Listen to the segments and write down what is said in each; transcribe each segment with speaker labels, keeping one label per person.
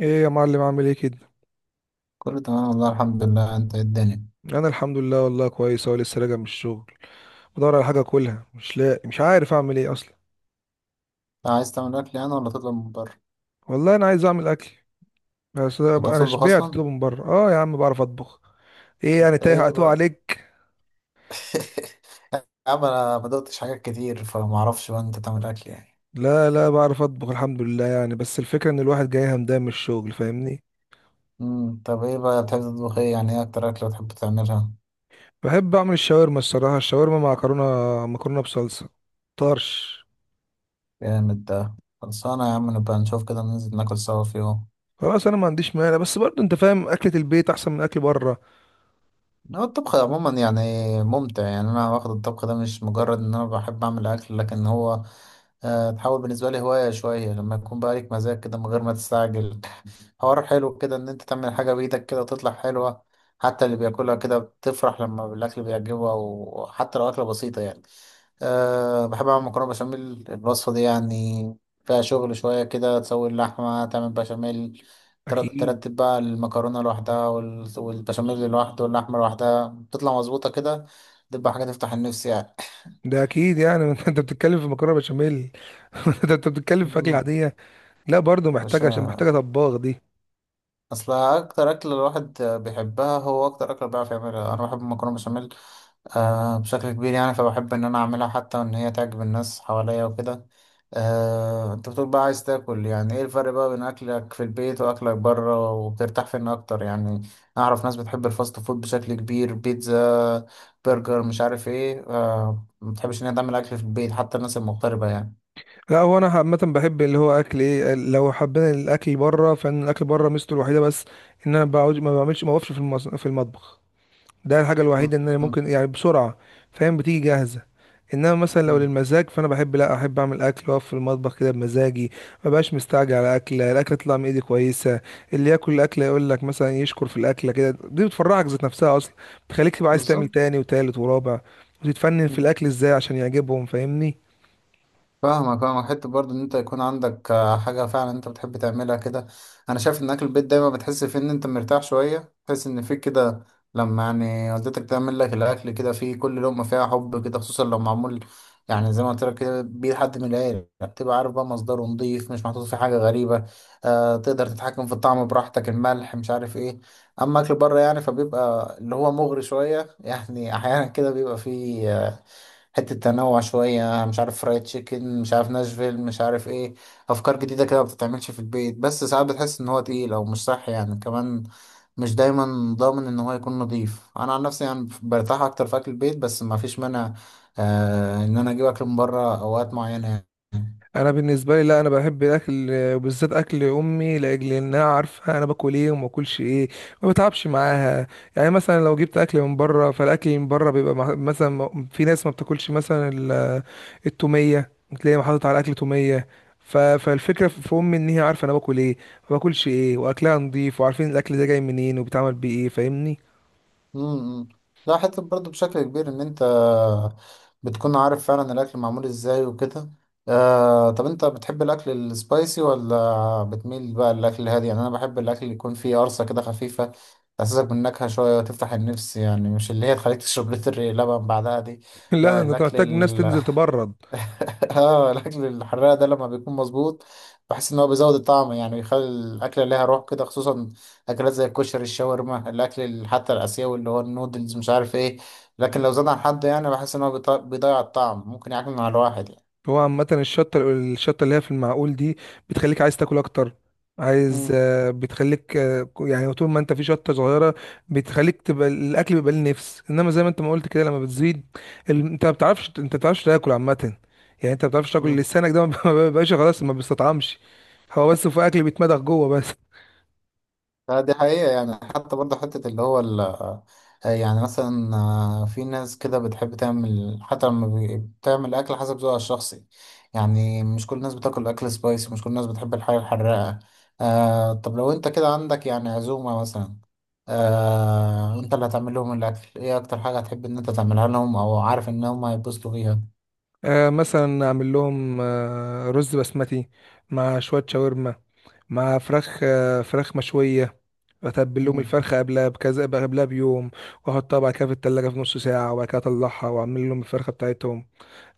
Speaker 1: ايه يا معلم، عامل ايه كده؟
Speaker 2: كله تمام والله الحمد لله. انت ايه الدنيا؟ انت
Speaker 1: انا الحمد لله، والله كويس اهو لسه راجع من الشغل. بدور على حاجه اكلها، مش لاقي، مش عارف اعمل ايه اصلا.
Speaker 2: عايز تعمل اكل يعني ولا تطلب من بره؟
Speaker 1: والله انا عايز اعمل اكل. بس
Speaker 2: انت بتعرف
Speaker 1: انا
Speaker 2: تطبخ
Speaker 1: شبعت
Speaker 2: اصلا؟
Speaker 1: اطلبه من بره. اه يا عم، بعرف اطبخ. ايه يعني،
Speaker 2: انت
Speaker 1: تايه
Speaker 2: ايه
Speaker 1: هتوه
Speaker 2: بقى؟
Speaker 1: عليك؟
Speaker 2: يا عم انا ما دقتش حاجات كتير فما اعرفش بقى انت تعمل اكل يعني.
Speaker 1: لا لا، بعرف اطبخ الحمد لله، يعني بس الفكره ان الواحد جاي همدان من الشغل فاهمني.
Speaker 2: طب ايه بقى بتحب تطبخ؟ ايه يعني ايه اكتر اكله بتحب تعملها؟
Speaker 1: بحب اعمل الشاورما، الصراحه الشاورما مع مكرونه، مكرونه بصلصه، طرش.
Speaker 2: جامد ده. خلصانه يا عم، نبقى نشوف كده، ننزل ناكل سوا في يوم.
Speaker 1: خلاص انا ما عنديش مانع، بس برضه انت فاهم اكله البيت احسن من اكل بره.
Speaker 2: هو الطبخ عموما يعني ممتع يعني، انا واخد الطبخ ده مش مجرد ان انا بحب اعمل اكل، لكن هو تحول بالنسبة لي هواية شوية، لما يكون بقى ليك مزاج كده من غير ما تستعجل. حوار حلو كده إن أنت تعمل حاجة بإيدك كده وتطلع حلوة. حتى اللي بياكلها كده بتفرح لما الأكل بيعجبه، أو حتى لو أكلة بسيطة يعني. بحب أعمل مكرونة بشاميل، الوصفة دي يعني فيها شغل شوية كده، تسوي اللحمة، تعمل بشاميل، تر-
Speaker 1: اكيد.
Speaker 2: ترتب بقى المكرونة لوحدها والبشاميل لوحده واللحمة لوحدها، بتطلع مظبوطة كده، تبقى حاجة تفتح النفس يعني.
Speaker 1: ده اكيد يعني انت بتتكلم في مكرونه بشاميل. ده انت بتتكلم في اكل
Speaker 2: مم.
Speaker 1: عاديه. لا برضه
Speaker 2: يا
Speaker 1: محتاجه، عشان محتاجه
Speaker 2: باشا.
Speaker 1: طباخ دي.
Speaker 2: اصل اكتر اكل الواحد بيحبها هو اكتر اكل بيعرف يعملها. انا بحب المكرونه بشاميل بشكل كبير يعني، فبحب ان انا اعملها، حتى ان هي تعجب الناس حواليا وكده. انت بتقول بقى عايز تاكل، يعني ايه الفرق بقى بين اكلك في البيت واكلك بره، وبترتاح فين اكتر يعني؟ اعرف ناس بتحب الفاست فود بشكل كبير، بيتزا، برجر، مش عارف ايه. ما بتحبش ان هي تعمل اكل في البيت، حتى الناس المغتربه يعني.
Speaker 1: لا، هو انا عامه بحب اللي هو اكل ايه، لو حبينا الاكل بره فان الاكل بره ميزته الوحيده بس ان انا بعوج ما بعملش ما بقفش في المطبخ. ده الحاجة
Speaker 2: م-
Speaker 1: الوحيدة ان انا
Speaker 2: م-
Speaker 1: ممكن يعني بسرعة. فاهم، بتيجي جاهزة. انما مثلا لو
Speaker 2: م.
Speaker 1: للمزاج فانا لا احب اعمل اكل واقف في المطبخ كده بمزاجي. ما بقاش مستعجل على اكله، الاكله تطلع من ايدي كويسه. اللي ياكل الاكله يقول لك مثلا يشكر في الاكله كده، دي بتفرحك ذات نفسها اصلا. بتخليك تبقى عايز تعمل
Speaker 2: بالظبط.
Speaker 1: تاني وتالت ورابع. وتتفنن في الاكل ازاي عشان يعجبهم، فاهمني.
Speaker 2: فاهمك. اه حته برضه ان انت يكون عندك حاجه فعلا انت بتحب تعملها كده. انا شايف ان اكل البيت دايما بتحس فيه ان انت مرتاح شويه، تحس ان فيك كده، لما يعني والدتك تعمل لك الاكل، كده فيه كل لقمه فيها حب كده، خصوصا لو معمول يعني زي ما قلت لك كده بيه حد من العيله، بتبقى عارف بقى مصدره نضيف، مش محطوط فيه حاجه غريبه. تقدر تتحكم في الطعم براحتك، الملح مش عارف ايه. اما اكل بره يعني فبيبقى اللي هو مغري شويه. يعني احيانا كده بيبقى فيه حتة تنوع شوية، مش عارف فرايد تشيكن، مش عارف ناشفيل، مش عارف ايه، أفكار جديدة كده ما بتتعملش في البيت. بس ساعات بتحس إن هو تقيل أو مش صح يعني كمان، مش دايما ضامن إن هو يكون نضيف. أنا عن نفسي يعني برتاح أكتر في أكل البيت، بس ما فيش مانع إن أنا أجيب أكل من بره أوقات معينة يعني.
Speaker 1: انا بالنسبه لي، لا انا بحب الاكل وبالذات اكل امي لاجل انها عارفه انا باكل ايه وما باكلش ايه. ما بتعبش معاها. يعني مثلا لو جبت اكل من بره، فالاكل من بره بيبقى مثلا في ناس ما بتاكلش مثلا التوميه. تلاقي حاطط على الاكل توميه. فالفكره في امي ان هي عارفه انا باكل ايه، ما باكلش ايه، واكلها نضيف وعارفين الاكل ده جاي منين وبيتعمل بايه فاهمني.
Speaker 2: امم ده حتة برضه بشكل كبير ان انت بتكون عارف فعلا الاكل معمول ازاي وكده. طب انت بتحب الاكل السبايسي ولا بتميل بقى للاكل الهادي؟ يعني انا بحب الاكل اللي يكون فيه قرصة كده خفيفة، تحسسك بالنكهة شوية وتفتح النفس يعني، مش اللي هي تخليك تشرب لتر لبن بعدها دي.
Speaker 1: لا ده
Speaker 2: لا
Speaker 1: انت
Speaker 2: الاكل.
Speaker 1: محتاج الناس تنزل تبرد.
Speaker 2: اه الاكل الحراق ده لما بيكون مظبوط بحس ان هو بيزود الطعم يعني، بيخلي الاكله ليها روح كده، خصوصا اكلات زي الكشري، الشاورما، حتى الاسيوي اللي هو النودلز، مش عارف ايه. لكن لو زاد عن حد يعني، بحس ان هو بيضيع الطعم، ممكن يعكنن على الواحد يعني.
Speaker 1: هو عامة الشطة الشطة اللي هي في المعقول دي بتخليك عايز تاكل أكتر. عايز آه، بتخليك يعني طول ما انت في شطة صغيرة بتخليك تبقى الأكل بيبقى ليه نفس، انما زي ما انت ما قلت كده لما بتزيد انت ما بتعرفش تاكل عامة. يعني انت ما بتعرفش تاكل،
Speaker 2: مم.
Speaker 1: لسانك ده ما بيبقاش خلاص، ما بيستطعمش. هو بس في أكل بيتمضغ جوه بس.
Speaker 2: لا دي حقيقة يعني، حتى برضه حتة اللي هو ال آه، يعني مثلا في ناس كده بتحب تعمل حتى لما بتعمل أكل حسب ذوقها الشخصي، يعني مش كل الناس بتاكل أكل سبايسي، مش كل الناس بتحب الحاجة الحراقة. طب لو أنت كده عندك يعني عزومة مثلا، أنت اللي هتعمل لهم الأكل، إيه أكتر حاجة هتحب إن أنت تعملها لهم أو عارف إن هم هيتبسطوا فيها؟
Speaker 1: مثلا أعمل لهم رز بسمتي مع شوية شاورما، مع فراخ مشوية. اتبل لهم
Speaker 2: مم.
Speaker 1: الفرخة قبلها بكذا، قبلها بيوم. واحطها بعد كده في التلاجة في نص ساعة، وبعد كده اطلعها واعمل لهم الفرخة بتاعتهم.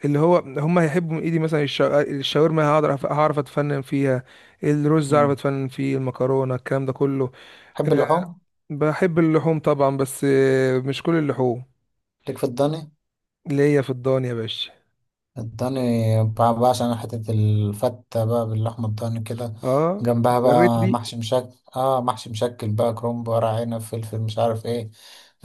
Speaker 1: اللي هو هم هيحبوا من ايدي، مثلا الشاورما هعرف اتفنن فيها. الرز هعرف
Speaker 2: مم.
Speaker 1: اتفنن فيه، المكرونة، الكلام ده كله.
Speaker 2: تحب
Speaker 1: آه،
Speaker 2: اللحوم؟
Speaker 1: بحب اللحوم طبعا، بس مش كل اللحوم.
Speaker 2: ليك في الضاني؟
Speaker 1: اللي هي في الضان يا باشا.
Speaker 2: الضاني بقى عشان حتة الفتة بقى باللحمة الضاني كده،
Speaker 1: اه،
Speaker 2: جنبها
Speaker 1: جريت
Speaker 2: بقى
Speaker 1: ريق.
Speaker 2: محشي مشكل. اه محشي مشكل بقى كرنب، ورق عنب، فلفل، مش عارف ايه.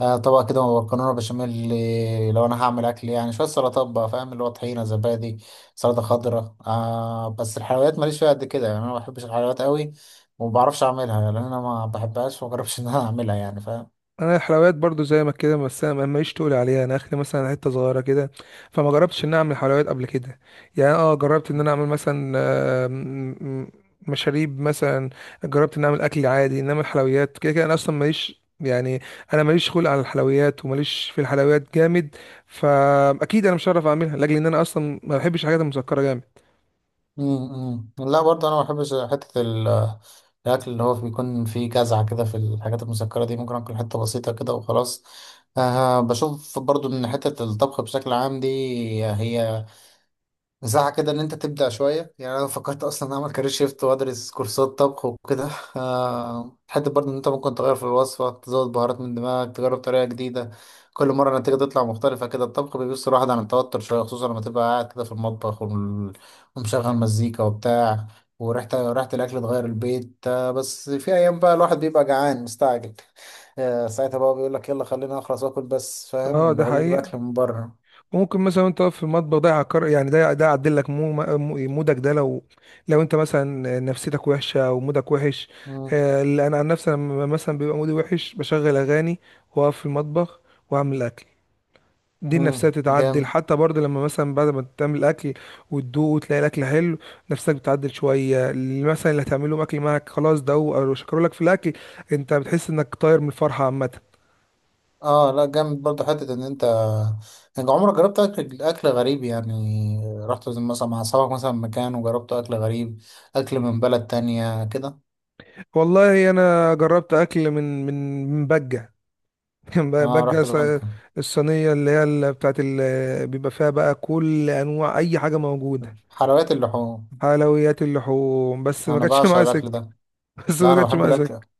Speaker 2: طبق كده مكرونة بشاميل، لو انا هعمل اكل يعني شوية سلطات بقى فاهم، اللي هو طحينة، زبادي، سلطة خضراء. بس الحلويات ماليش فيها قد كده يعني، انا ما بحبش الحلويات قوي وما بعرفش اعملها يعني، انا ما بحبهاش وما جربش ان انا اعملها يعني فاهم.
Speaker 1: انا الحلويات برضو زي ما كده، بس انا ماليش تقول عليها انا اخلي مثلا حته صغيره كده. فما جربتش ان اعمل حلويات قبل كده. يعني جربت ان انا اعمل مثلا م- مشاريب مثلا. جربت ان اعمل اكل عادي، انما الحلويات كده كده انا اصلا ماليش يعني. انا ماليش خلق على الحلويات، وماليش في الحلويات جامد. فاكيد انا مش هعرف اعملها، لاجل ان انا اصلا ما بحبش الحاجات المسكره جامد.
Speaker 2: لا برضه انا ما بحبش حته الاكل اللي هو بيكون فيه جزعه كده في الحاجات المسكره دي، ممكن اكل حته بسيطه كده وخلاص. بشوف برضه ان حته الطبخ بشكل عام دي، هي مساحة كده إن أنت تبدع شوية يعني، أنا فكرت أصلا أعمل كارير شيفت وأدرس كورسات طبخ وكده. حتى برضه إن أنت ممكن تغير في الوصفة، تزود بهارات من دماغك، تجرب طريقة جديدة، كل مرة النتيجة تطلع مختلفة كده. الطبخ بيبص الواحد عن التوتر شوية، خصوصا لما تبقى قاعد كده في المطبخ ومشغل مزيكا وبتاع، وريحة ريحة الأكل تغير البيت. بس في أيام بقى الواحد بيبقى جعان مستعجل، ساعتها بقى بيقول لك يلا خلينا أخلص وآكل بس، فاهم
Speaker 1: اه
Speaker 2: اللي
Speaker 1: ده
Speaker 2: هو بيجيب
Speaker 1: حقيقه.
Speaker 2: أكل من بره.
Speaker 1: ممكن مثلا انت واقف في المطبخ ده يعكر، يعني ده يعدل لك مودك ده لو انت مثلا نفسيتك وحشه او مودك وحش.
Speaker 2: مم،
Speaker 1: لا، انا عن نفسي لما مثلا بيبقى مودي وحش بشغل اغاني، واقف في المطبخ، واعمل اكل. دي النفسيه
Speaker 2: مم،
Speaker 1: بتتعدل،
Speaker 2: جامد.
Speaker 1: حتى برضه لما مثلا بعد ما تعمل اكل وتدوق وتلاقي الاكل حلو، نفسك بتتعدل شويه. اللي مثلا اللي هتعمله اكل معاك خلاص ده هو، او شكروا لك في الاكل، انت بتحس انك طاير من الفرحه عامه.
Speaker 2: اه لا جامد برضه حتة ان انت، يعني عمرك جربت اكل غريب يعني، رحت زي مثلا مع اصحابك مثلا مكان وجربت اكل غريب، اكل من بلد تانية كده؟
Speaker 1: والله انا جربت اكل من بجه.
Speaker 2: اه رحت
Speaker 1: بقى
Speaker 2: بقى.
Speaker 1: الصينية، اللي هي اللي بتاعت بيبقى فيها بقى كل أنواع أي حاجة موجودة.
Speaker 2: حلويات اللحوم.
Speaker 1: حلويات اللحوم، بس ما
Speaker 2: انا
Speaker 1: جاتش
Speaker 2: بعشق
Speaker 1: معايا
Speaker 2: الاكل
Speaker 1: سكة.
Speaker 2: ده.
Speaker 1: بس
Speaker 2: لا
Speaker 1: ما
Speaker 2: انا
Speaker 1: جاتش
Speaker 2: بحب
Speaker 1: معايا
Speaker 2: الاكل.
Speaker 1: سكة.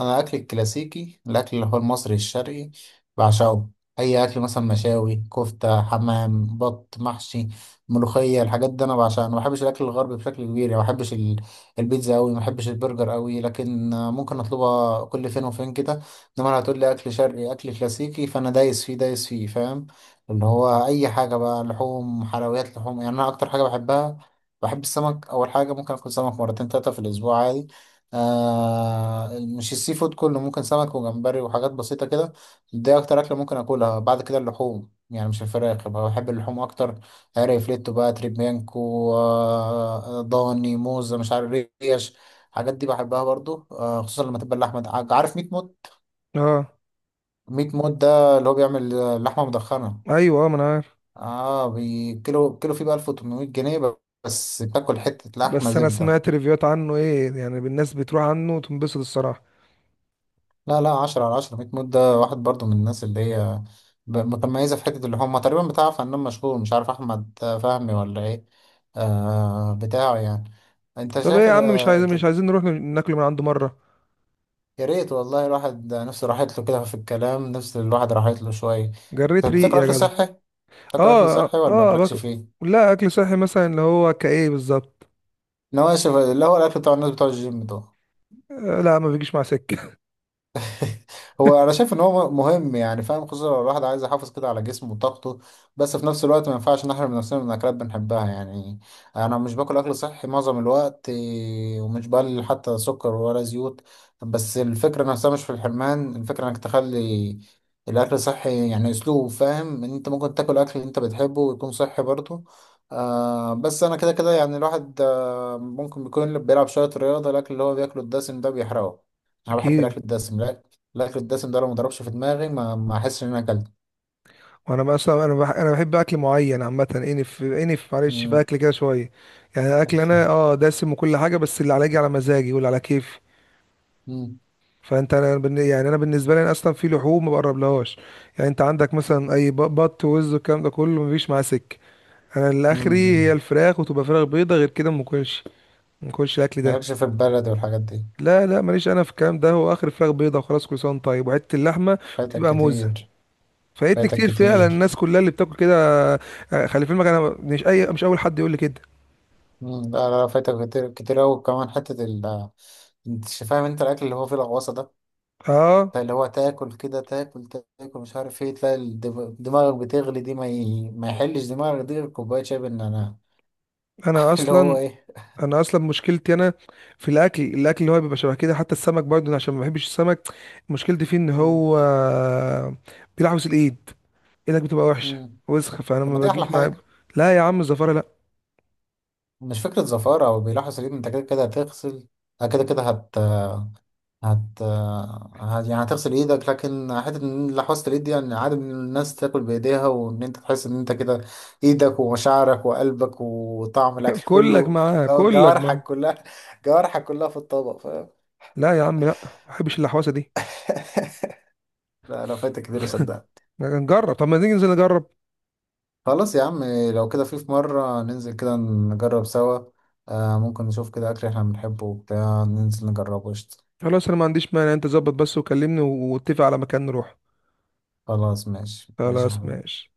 Speaker 2: انا اكلي الكلاسيكي، الاكل اللي هو المصري الشرقي، بعشقه. اي اكل مثلا مشاوي، كفته، حمام، بط، محشي، ملوخيه، الحاجات دي انا بعشقها. انا ما بحبش الاكل الغربي بشكل كبير يعني، ما بحبش البيتزا قوي، ما بحبش البرجر قوي، لكن ممكن اطلبها كل فين وفين كده. انما لو هتقول لي اكل شرقي اكل كلاسيكي، فانا دايس فيه دايس فيه فاهم، اللي هو اي حاجه بقى، لحوم، حلويات، لحوم يعني، انا اكتر حاجه بحبها. بحب السمك اول حاجه، ممكن اكل سمك مرتين تلاته في الاسبوع عادي. مش السي فود كله، ممكن سمك وجمبري وحاجات بسيطة كده. دي أكتر أكلة ممكن أكلها. بعد كده اللحوم يعني، مش الفراخ بقى، بحب اللحوم أكتر. عارف فليتو بقى، تريبيانكو، ضاني، موزة، مش عارف، ريش، الحاجات دي بحبها برضو، خصوصا لما تبقى اللحمة عارف ميت موت.
Speaker 1: اه،
Speaker 2: ميت موت ده اللي هو بيعمل لحمة مدخنة.
Speaker 1: أيوه، ما أنا عارف.
Speaker 2: اه كيلو كيلو فيه بقى 1800 جنيه، بس تاكل حتة لحمة
Speaker 1: بس أنا
Speaker 2: زبدة.
Speaker 1: سمعت ريفيوهات عنه، إيه يعني الناس بتروح عنه وتنبسط الصراحة.
Speaker 2: لا لا 10/10، 100 مود. ده واحد برضو من الناس اللي هي متميزة في حتة، اللي هم تقريبا بتاع فنان مشهور، مش عارف أحمد فهمي ولا إيه، بتاعه يعني. أنت
Speaker 1: طب إيه
Speaker 2: شايف
Speaker 1: يا عم، مش عايزين مش عايزين نروح ناكل من عنده مرة؟
Speaker 2: يا ريت والله، الواحد نفسه راحت له كده في الكلام، نفس الواحد راحت له شوية.
Speaker 1: جريت
Speaker 2: طب
Speaker 1: ريق
Speaker 2: بتاكل
Speaker 1: يا
Speaker 2: أكل
Speaker 1: جدع.
Speaker 2: صحي؟ بتاكل أكل
Speaker 1: اه،
Speaker 2: صحي
Speaker 1: اه،
Speaker 2: ولا مالكش فيه؟
Speaker 1: لا أكل صحي مثلا اللي هو كإيه بالظبط.
Speaker 2: نواشف اللي هو الأكل بتاع الناس بتوع الجيم دول.
Speaker 1: لا ما بيجيش مع سكة.
Speaker 2: هو انا شايف ان هو مهم يعني فاهم، خصوصا لو الواحد عايز يحافظ كده على جسمه وطاقته، بس في نفس الوقت ما ينفعش نحرم نفسنا من اكلات بنحبها يعني. انا مش باكل اكل صحي معظم الوقت إيه، ومش بقلل حتى سكر ولا زيوت. بس الفكره نفسها مش في الحرمان، الفكره انك تخلي الاكل صحي يعني اسلوب، فاهم ان انت ممكن تاكل اكل انت بتحبه ويكون صحي برضه. بس انا كده كده يعني الواحد ممكن بيكون اللي بيلعب شويه رياضه، الاكل اللي هو بياكله الدسم ده بيحرقه. انا بحب
Speaker 1: أكيد.
Speaker 2: الاكل الدسم. الاكل الدسم ده لو ما ضربش في دماغي ما احسش ان انا اكلت.
Speaker 1: وانا مثلا انا بحب اكل معين عامه، انف انف معلش، في
Speaker 2: مم،
Speaker 1: اكل كده شويه. يعني اكل انا دسم وكل حاجه، بس اللي على يجي على مزاجي واللي على كيفي.
Speaker 2: مم،
Speaker 1: فانت يعني انا بالنسبه لي اصلا في لحوم ما بقربلهاش. يعني انت عندك مثلا بط ووز والكلام ده كله مفيش معاه سكه. انا اللي
Speaker 2: مم،
Speaker 1: اخري هي
Speaker 2: مم.
Speaker 1: الفراخ، وتبقى فراخ بيضه، غير كده ما باكلش. ما باكلش الاكل ده.
Speaker 2: مالكش في البلد والحاجات دي؟
Speaker 1: لا لا ماليش انا في الكلام ده، هو اخر فراخ بيضه وخلاص، كل سنه وأنت طيب، وحته اللحمه
Speaker 2: فايتك
Speaker 1: وتبقى موزه.
Speaker 2: كتير.
Speaker 1: فايتني
Speaker 2: فايتك
Speaker 1: كتير فعلا،
Speaker 2: كتير.
Speaker 1: الناس كلها اللي بتاكل كده. خلي في علمك انا مش اي مش اول حد يقول لي كده.
Speaker 2: مم، لا لا فايتك كتير كتير أوي كمان. حتة ال انت فاهم، انت الاكل اللي هو فيه الغوصة ده،
Speaker 1: اه،
Speaker 2: بتاع اللي هو تاكل كده، تاكل تاكل مش عارف ايه، تلاقي دماغك بتغلي دي، ما يحلش دماغك دي غير كوباية شاي بالنعناع.
Speaker 1: انا
Speaker 2: اللي هو
Speaker 1: اصلا
Speaker 2: ايه.
Speaker 1: انا اصلا مشكلتي انا في الاكل، الاكل اللي هو بيبقى شبه كده، حتى السمك برضه أنا عشان ما بحبش السمك. مشكلتي فيه ان
Speaker 2: مم،
Speaker 1: هو بيلعبس الايد، ايدك بتبقى وحشه،
Speaker 2: مم.
Speaker 1: وسخه، فانا
Speaker 2: طب ما
Speaker 1: ما
Speaker 2: دي احلى
Speaker 1: بجيش معاه.
Speaker 2: حاجة.
Speaker 1: لا يا عم، الزفاره لا.
Speaker 2: مش فكرة زفارة، او بيلاحظ ان انت كده كده هتغسل، كده كده. هت... يعني هتغسل ايدك، لكن حتة ان لحوسة الايد دي يعني عادة ان الناس تاكل بايديها، وان انت تحس ان انت كده ايدك ومشاعرك وقلبك وطعم الاكل
Speaker 1: كلك
Speaker 2: كله،
Speaker 1: معاه،
Speaker 2: جو-
Speaker 1: كلك معاه.
Speaker 2: جوارحك كلها، جوارحك كلها في الطبق فاهم.
Speaker 1: لا يا عم، لا ما بحبش اللحوسه دي.
Speaker 2: لا لا فايتك كتير صدق.
Speaker 1: نجرب، طب ما نيجي ننزل نجرب.
Speaker 2: خلاص يا عم، لو كده في مرة ننزل كده نجرب سوا. ممكن نشوف كده اكل احنا بنحبه وبتاع، ننزل نجربه. قشطة.
Speaker 1: خلاص انا ما عنديش مانع، انت ظبط بس وكلمني واتفق على مكان نروح.
Speaker 2: خلاص ماشي ماشي يا
Speaker 1: خلاص
Speaker 2: حبيبي.
Speaker 1: ماشي.